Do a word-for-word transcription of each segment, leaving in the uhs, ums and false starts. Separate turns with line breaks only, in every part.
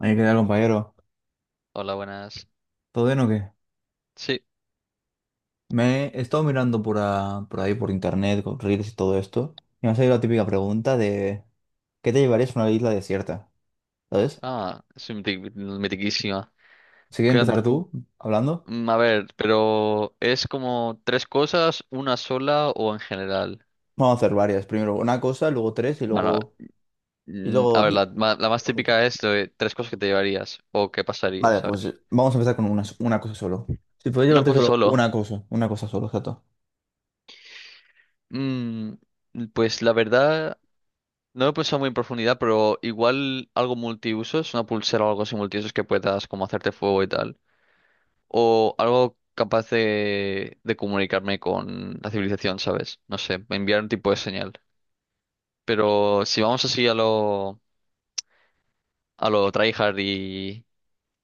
Hay que dar, compañero.
Hola, buenas.
¿Todo bien o qué?
Sí,
Me he estado mirando por, a- por ahí, por internet, con reels y todo esto. Y me ha salido la típica pregunta de ¿qué te llevarías a una isla desierta? ¿Sabes?
ah, es miti- mitiquísima.
Si quieres
Cuan-
empezar tú hablando,
mm, A ver, pero ¿es como tres cosas, una sola o en general?
vamos a hacer varias. Primero una cosa, luego tres y
Bueno,
luego y
mm, a
luego
ver, la,
di-
ma- la más
luego cinco.
típica es de tres cosas que te llevarías o qué pasaría,
Vale, pues
¿sabes?
eh, vamos a empezar con una, una cosa solo. Si puedes
Una
llevarte
cosa
solo
solo.
una cosa, una cosa solo, exacto.
Mm, pues la verdad, no lo he pensado muy en profundidad, pero igual algo multiusos, una pulsera o algo así multiusos que puedas como hacerte fuego y tal. O algo capaz de, de comunicarme con la civilización, ¿sabes? No sé, enviar un tipo de señal. Pero si vamos así a lo, a lo tryhard y,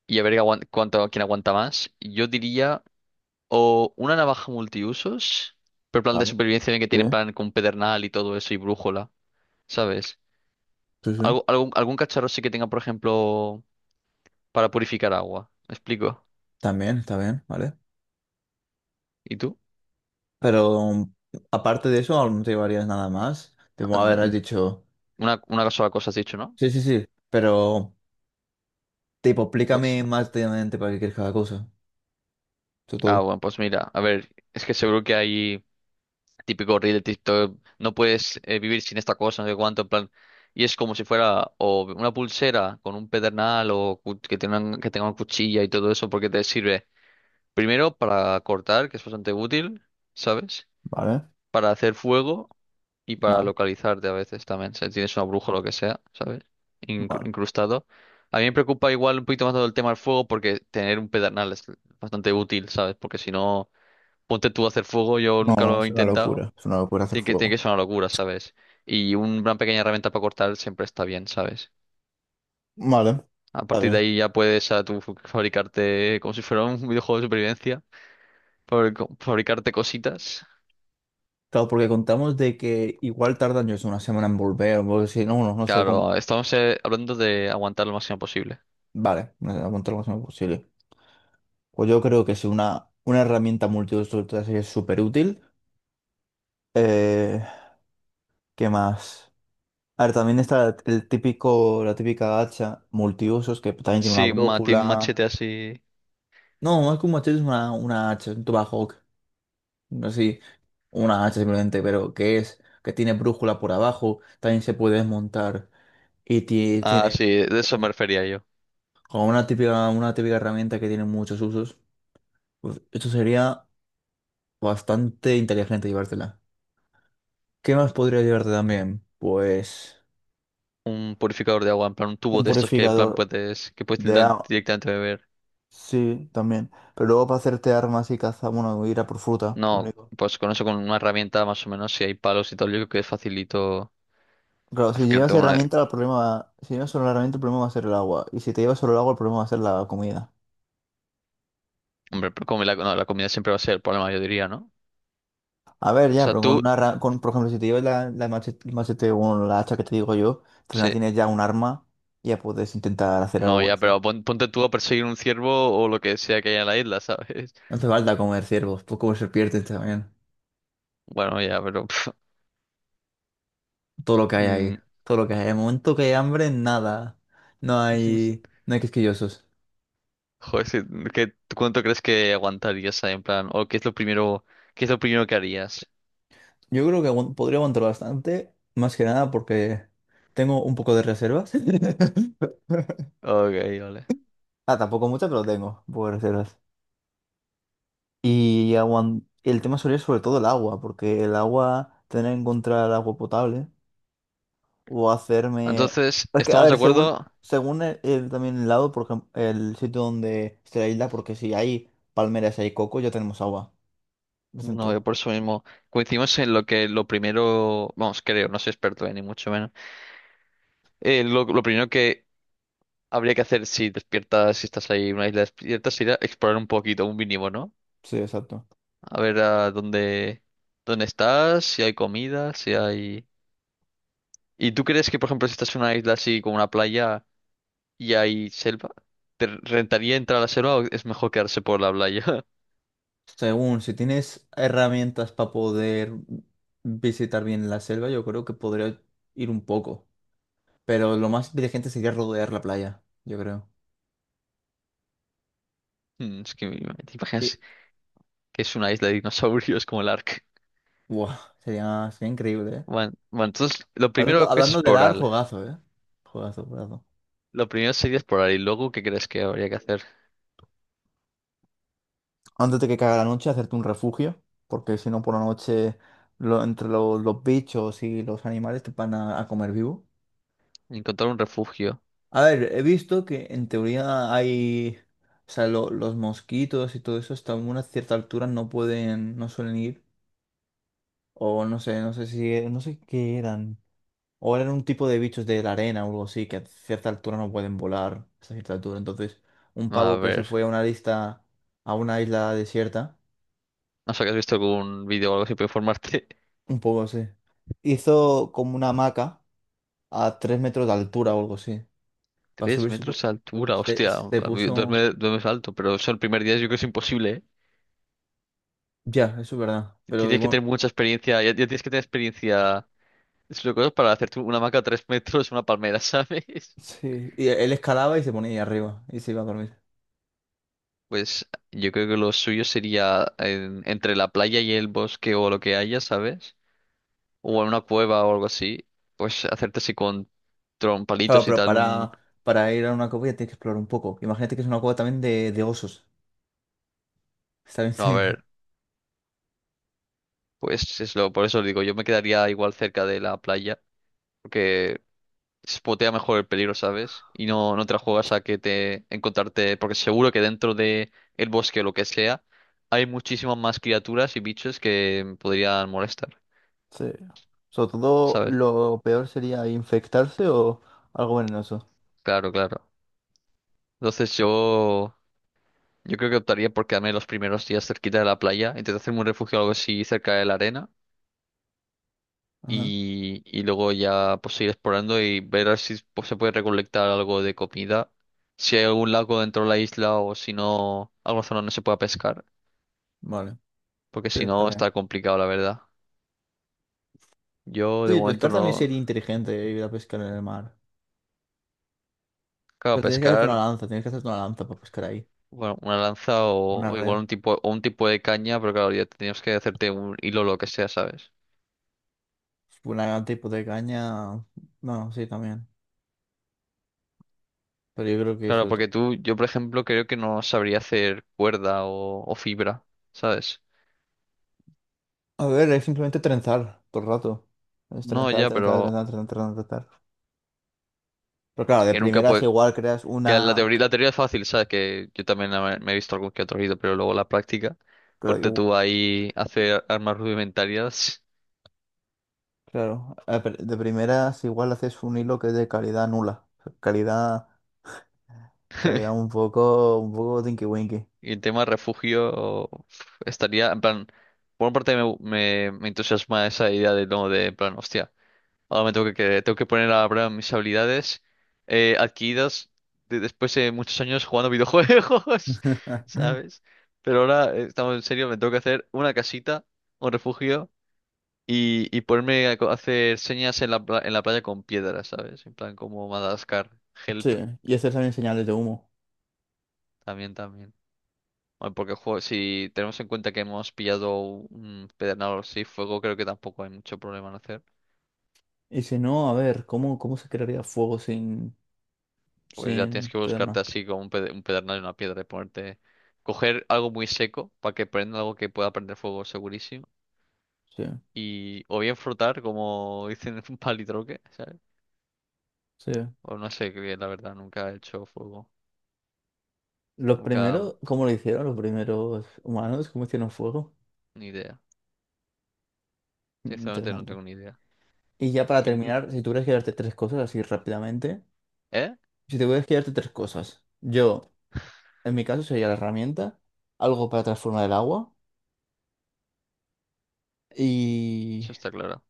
y a ver aguan- cuánto, quién aguanta más, yo diría o una navaja multiusos, pero plan de
Vale.
supervivencia en el que tienen
Sí,
plan con pedernal y todo eso y brújula, ¿sabes?
sí, sí.
Algo, algún, algún cacharro sí que tenga, por ejemplo, para purificar agua, ¿me explico?
También, está bien, ¿vale?
¿Y tú?
Pero um, aparte de eso, aún no te llevarías nada más. Te a ver, has
An-
dicho.
Una, una sola cosa has dicho, ¿no?
Sí, sí, sí, pero tipo,
Pues
explícame más detalladamente para qué quieres cada cosa, sobre
Ah,
todo.
bueno, pues mira, a ver, es que seguro que hay típico reel de TikTok, no puedes eh, vivir sin esta cosa, no sé cuánto, en plan, y es como si fuera o una pulsera con un pedernal o cu- que tengan, que tenga una cuchilla y todo eso, porque te sirve primero para cortar, que es bastante útil, ¿sabes?
Vale,
Para hacer fuego y para
vale,
localizarte a veces también, si tienes una bruja o lo que sea, ¿sabes? Incru-
vale.
incrustado. A mí me preocupa igual un poquito más todo el tema del fuego porque tener un pedernal es bastante útil, ¿sabes? Porque si no... Ponte tú a hacer fuego, yo
No,
nunca
no,
lo he
es una
intentado.
locura. Es una locura hacer
Tiene que, tiene
fuego.
que ser una locura, ¿sabes? Y un- una pequeña herramienta para cortar siempre está bien, ¿sabes?
Vale,
A
está
partir de
bien.
ahí ya puedes a tú fabricarte como si fuera un videojuego de supervivencia, fabric- fabricarte cositas.
Claro, porque contamos de que igual tardan yo sé, una semana en volver, o si no, no, no sé cómo.
Claro, estamos eh, hablando de aguantar lo máximo posible.
Vale, no a aguantar lo más semana posible. Pues yo creo que si una, una herramienta multiuso así es súper útil. Eh, ¿qué más? A ver, también está el típico, la típica hacha multiusos que también tiene una
Sí, un mate- un machete
brújula.
así.
No, es que un machete es una, una hacha, es un tomahawk, así, una hacha simplemente, pero que es, que tiene brújula por abajo, también se puede desmontar y ti-
Ah,
tiene
sí, de eso me
eh,
refería yo.
como una típica, una típica herramienta que tiene muchos usos. Pues esto sería bastante inteligente llevártela. ¿Qué más podría llevarte también? Pues
Un purificador de agua, en plan un tubo
un
de estos que en plan
purificador
puedes que puedes
de agua.
directamente beber.
Sí, también. Pero luego para hacerte armas y caza, bueno, ir a por fruta, lo
No,
único.
pues con eso, con una herramienta más o menos, si hay palos y tal, yo creo que es facilito
Claro, si llevas
acercarte a una...
herramienta, el problema va... Si llevas solo la herramienta, el problema va a ser el agua. Y si te llevas solo el agua, el problema va a ser la comida.
Hombre, pero como la, no, la comida siempre va a ser el problema, yo diría, ¿no?
A ver,
O
ya,
sea,
pero con
tú,
una... ra- Con, por ejemplo, si te llevas la, la machete, el machete o la hacha que te digo yo, al final
sí,
tienes ya un arma y ya puedes intentar hacer algo
no,
con
ya,
eso.
pero pon- ponte tú a perseguir un ciervo o lo que sea que haya en la isla, ¿sabes?
No te falta comer ciervos, pues comer serpientes también.
Bueno, ya, pero... pf,
Todo lo que hay
mm,
ahí. Todo lo que hay. En el momento que hay hambre, nada. No hay... No hay quisquillosos.
joder, sí, ¿qué, tú cuánto crees que aguantarías ahí, en plan? ¿O qué es lo primero, qué es lo primero que harías?
Yo creo que aguant- podría aguantar bastante, más que nada porque tengo un poco de reservas.
Ok, vale.
Ah, tampoco mucha, pero tengo, por reservas. Y aguan- el tema sería sobre todo el agua, porque el agua, tener que encontrar agua potable o hacerme...
Entonces,
Es que, a
¿estamos de
ver, según,
acuerdo?
según el- el- también el lado, por ejemplo, el sitio donde esté la isla, porque si hay palmeras y hay coco, ya tenemos agua.
No, yo
Decente.
por eso mismo coincidimos en lo que lo primero, vamos, creo, no soy experto, eh, ni mucho menos. Eh, lo, lo primero que habría que hacer si despiertas, si estás ahí en una isla despierta, sería explorar un poquito, un mínimo, ¿no?
Sí, exacto.
A ver a dónde, dónde estás, si hay comida, si hay... ¿Y tú crees que, por ejemplo, si estás en una isla así como una playa y hay selva, te rentaría entrar a la selva o es mejor quedarse por la playa?
Según, si tienes herramientas para poder visitar bien la selva, yo creo que podría ir un poco. Pero lo más inteligente sería rodear la playa, yo creo.
Mm, Es que me- te imaginas que es una isla de dinosaurios como el Ark.
Buah, sería, sería increíble, ¿eh?
Bueno, bueno, entonces lo
Hablando,
primero que es
hablando de dar,
explorar.
juegazo, ¿eh? Juegazo, juegazo.
Lo primero sería explorar y luego ¿qué crees que habría que hacer?
Antes de que caiga la noche, hacerte un refugio, porque si no, por la noche, lo- entre lo- los bichos y los animales te van a, a comer vivo.
Encontrar un refugio.
A ver, he visto que en teoría hay, o sea, lo- los mosquitos y todo eso hasta una cierta altura no pueden, no suelen ir, o no sé, no sé si, no sé qué eran. O eran un tipo de bichos de la arena o algo así, que a cierta altura no pueden volar, hasta cierta altura. Entonces, un
A
pavo que se
ver,
fue a una lista, a una isla desierta,
no sé, ¿has visto algún vídeo o algo así para informarte?
un poco así, hizo como una hamaca a tres metros de altura o algo así. Para
Tres
subirse
metros
pu-
de altura,
se,
hostia,
se
a mí dos,
puso...
me- dos metros alto, pero eso el primer día yo creo que es imposible, ¿eh?
Ya, eso es verdad. Pero
Tienes que
igual,
tener mucha experiencia, ya, ya tienes que tener experiencia es lo que es para hacerte una hamaca a tres metros, una palmera, ¿sabes?
sí. Y él escalaba y se ponía ahí arriba y se iba a dormir.
Pues yo creo que lo suyo sería en- entre la playa y el bosque o lo que haya, ¿sabes?, o en una cueva o algo así, pues hacerte así con
Claro,
trompalitos y
pero
tal, un...
para, para ir a una cueva ya tienes que explorar un poco. Imagínate que es una cueva también de, de osos. Está bien.
No, a ver, pues es lo, por eso digo, yo me quedaría igual cerca de la playa, porque spotea mejor el peligro, ¿sabes? Y no, no te la juegas a que te encontrarte, porque seguro que dentro de el bosque o lo que sea, hay muchísimas más criaturas y bichos que podrían molestar,
Sí. Sobre todo
¿sabes?
lo peor sería infectarse o algo venenoso.
Claro, claro. Entonces yo, yo creo que optaría por quedarme los primeros días cerquita de la playa, intentar hacerme un refugio o algo así cerca de la arena
Ajá.
y, y luego ya pues ir explorando y ver a ver si pues, se puede recolectar algo de comida. Si hay algún lago dentro de la isla o si no, alguna zona no se pueda pescar,
Vale.
porque
Sí,
si
está
no
bien.
está complicado, la verdad. Yo de
Sí,
momento
pescar también
no,
sería inteligente ir a pescar en el mar.
claro,
Pero tienes que hacerte una
pescar,
lanza, tienes que hacerte una lanza para pescar ahí.
bueno, una lanza o,
Una
o igual
red.
un tipo, o un tipo de caña, pero claro, ya tenías que hacerte un hilo o lo que sea, ¿sabes?
Una tipo de caña. No sí, también. Pero yo creo que
Claro,
sobre
porque
todo.
tú, yo por ejemplo, creo que no sabría hacer cuerda o, o fibra, ¿sabes?
A ver, es simplemente trenzar todo el rato. Es
No,
trenzar,
ya,
trenzar,
pero
trenzar, trenzar, trenzar. Trenzar. Pero claro, de
que nunca
primeras
puede.
igual creas
Que la
una.
teoría, la teoría es fácil, ¿sabes? Que yo también la- me he visto algún que otro vídeo, pero luego la práctica, ponte tú ahí a hacer armas rudimentarias
Claro, a pr- de primeras igual haces un hilo que es de calidad nula, calidad, calidad un poco, un poco tinky winky.
y el tema refugio uf, estaría, en plan, por una parte me, me, me entusiasma esa idea de, no, de, en plan, hostia, ahora me tengo que, que- tengo que poner a prueba mis habilidades eh, adquiridas de- después de muchos años jugando videojuegos, ¿sabes? Pero ahora, eh, estamos en serio, me tengo que hacer una casita, un refugio. Y, y ponerme a co- a hacer señas en la, pla- en la playa con piedras, ¿sabes? En plan como Madagascar, help,
Sí, y hacer también señales de humo.
también, también. Bueno, porque jo, si tenemos en cuenta que hemos pillado un pedernal así, fuego, creo que tampoco hay mucho problema en hacer.
Y si no, a ver, ¿cómo, cómo se crearía fuego sin,
Pues ya tienes
sin
que buscarte
pederna?
así como un, pede- un pedernal y una piedra y ponerte... Coger algo muy seco para que prenda algo que pueda prender fuego segurísimo.
Sí,
Y o bien frotar, como dicen, un palitroque, ¿sabes?
sí.
O no sé, que la verdad, nunca he hecho fuego.
Los
Nunca,
primeros, ¿cómo lo hicieron los primeros humanos? ¿Cómo hicieron fuego?
ni idea.
Mm.
Sinceramente no
Interesante.
tengo ni idea.
Y ya para
Y n-
terminar, si tuvieras que darte tres cosas así rápidamente,
¿Eh?
si te tuvieras que darte tres cosas, yo. En mi caso sería la herramienta, algo para transformar el agua y,
Eso está claro.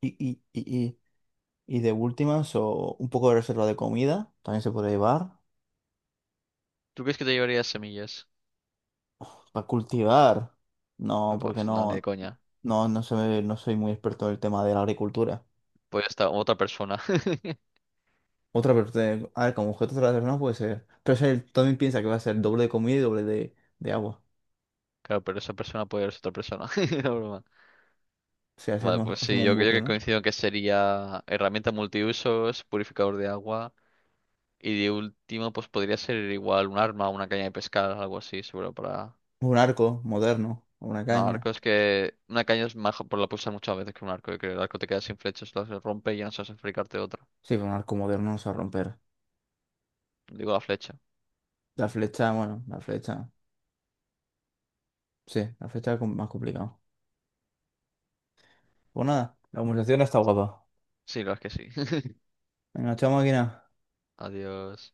y, y, y, y- y de últimas o un poco de reserva de comida, también se puede llevar.
¿Tú crees que te llevarías semillas?
Pues, para cultivar, no,
No,
porque
vas, no, ni de
no,
coña.
no, no, sé- no soy muy experto en el tema de la agricultura.
Puede estar otra persona.
Otra parte, a ver, como objeto no puede ser. Pero es el- también piensa que va a ser doble de comida y doble de, de agua.
Claro, pero esa persona puede ser otra persona. No, broma.
O sea, si
Vale,
hacemos,
pues sí,
hacemos un
yo creo
bucle,
que
¿no?
coincido en que sería herramienta multiusos, purificador de agua. Y de último, pues podría ser igual un arma, una caña de pescar, algo así, seguro para.
Un arco moderno, una
No,
caña.
arco es que. Una caña es mejor por la puedes usar muchas veces que un arco. Yo creo que el arco te queda sin flechas, las rompe y ya no sabes fabricarte otra.
Sí, pero un arco moderno no se va a romper.
Digo la flecha.
La flecha, bueno, la flecha. Sí, la fecha es com- más complicada. Pues nada, la conversación está guapa.
Sí, la verdad es que sí.
Venga, chao máquina.
Adiós.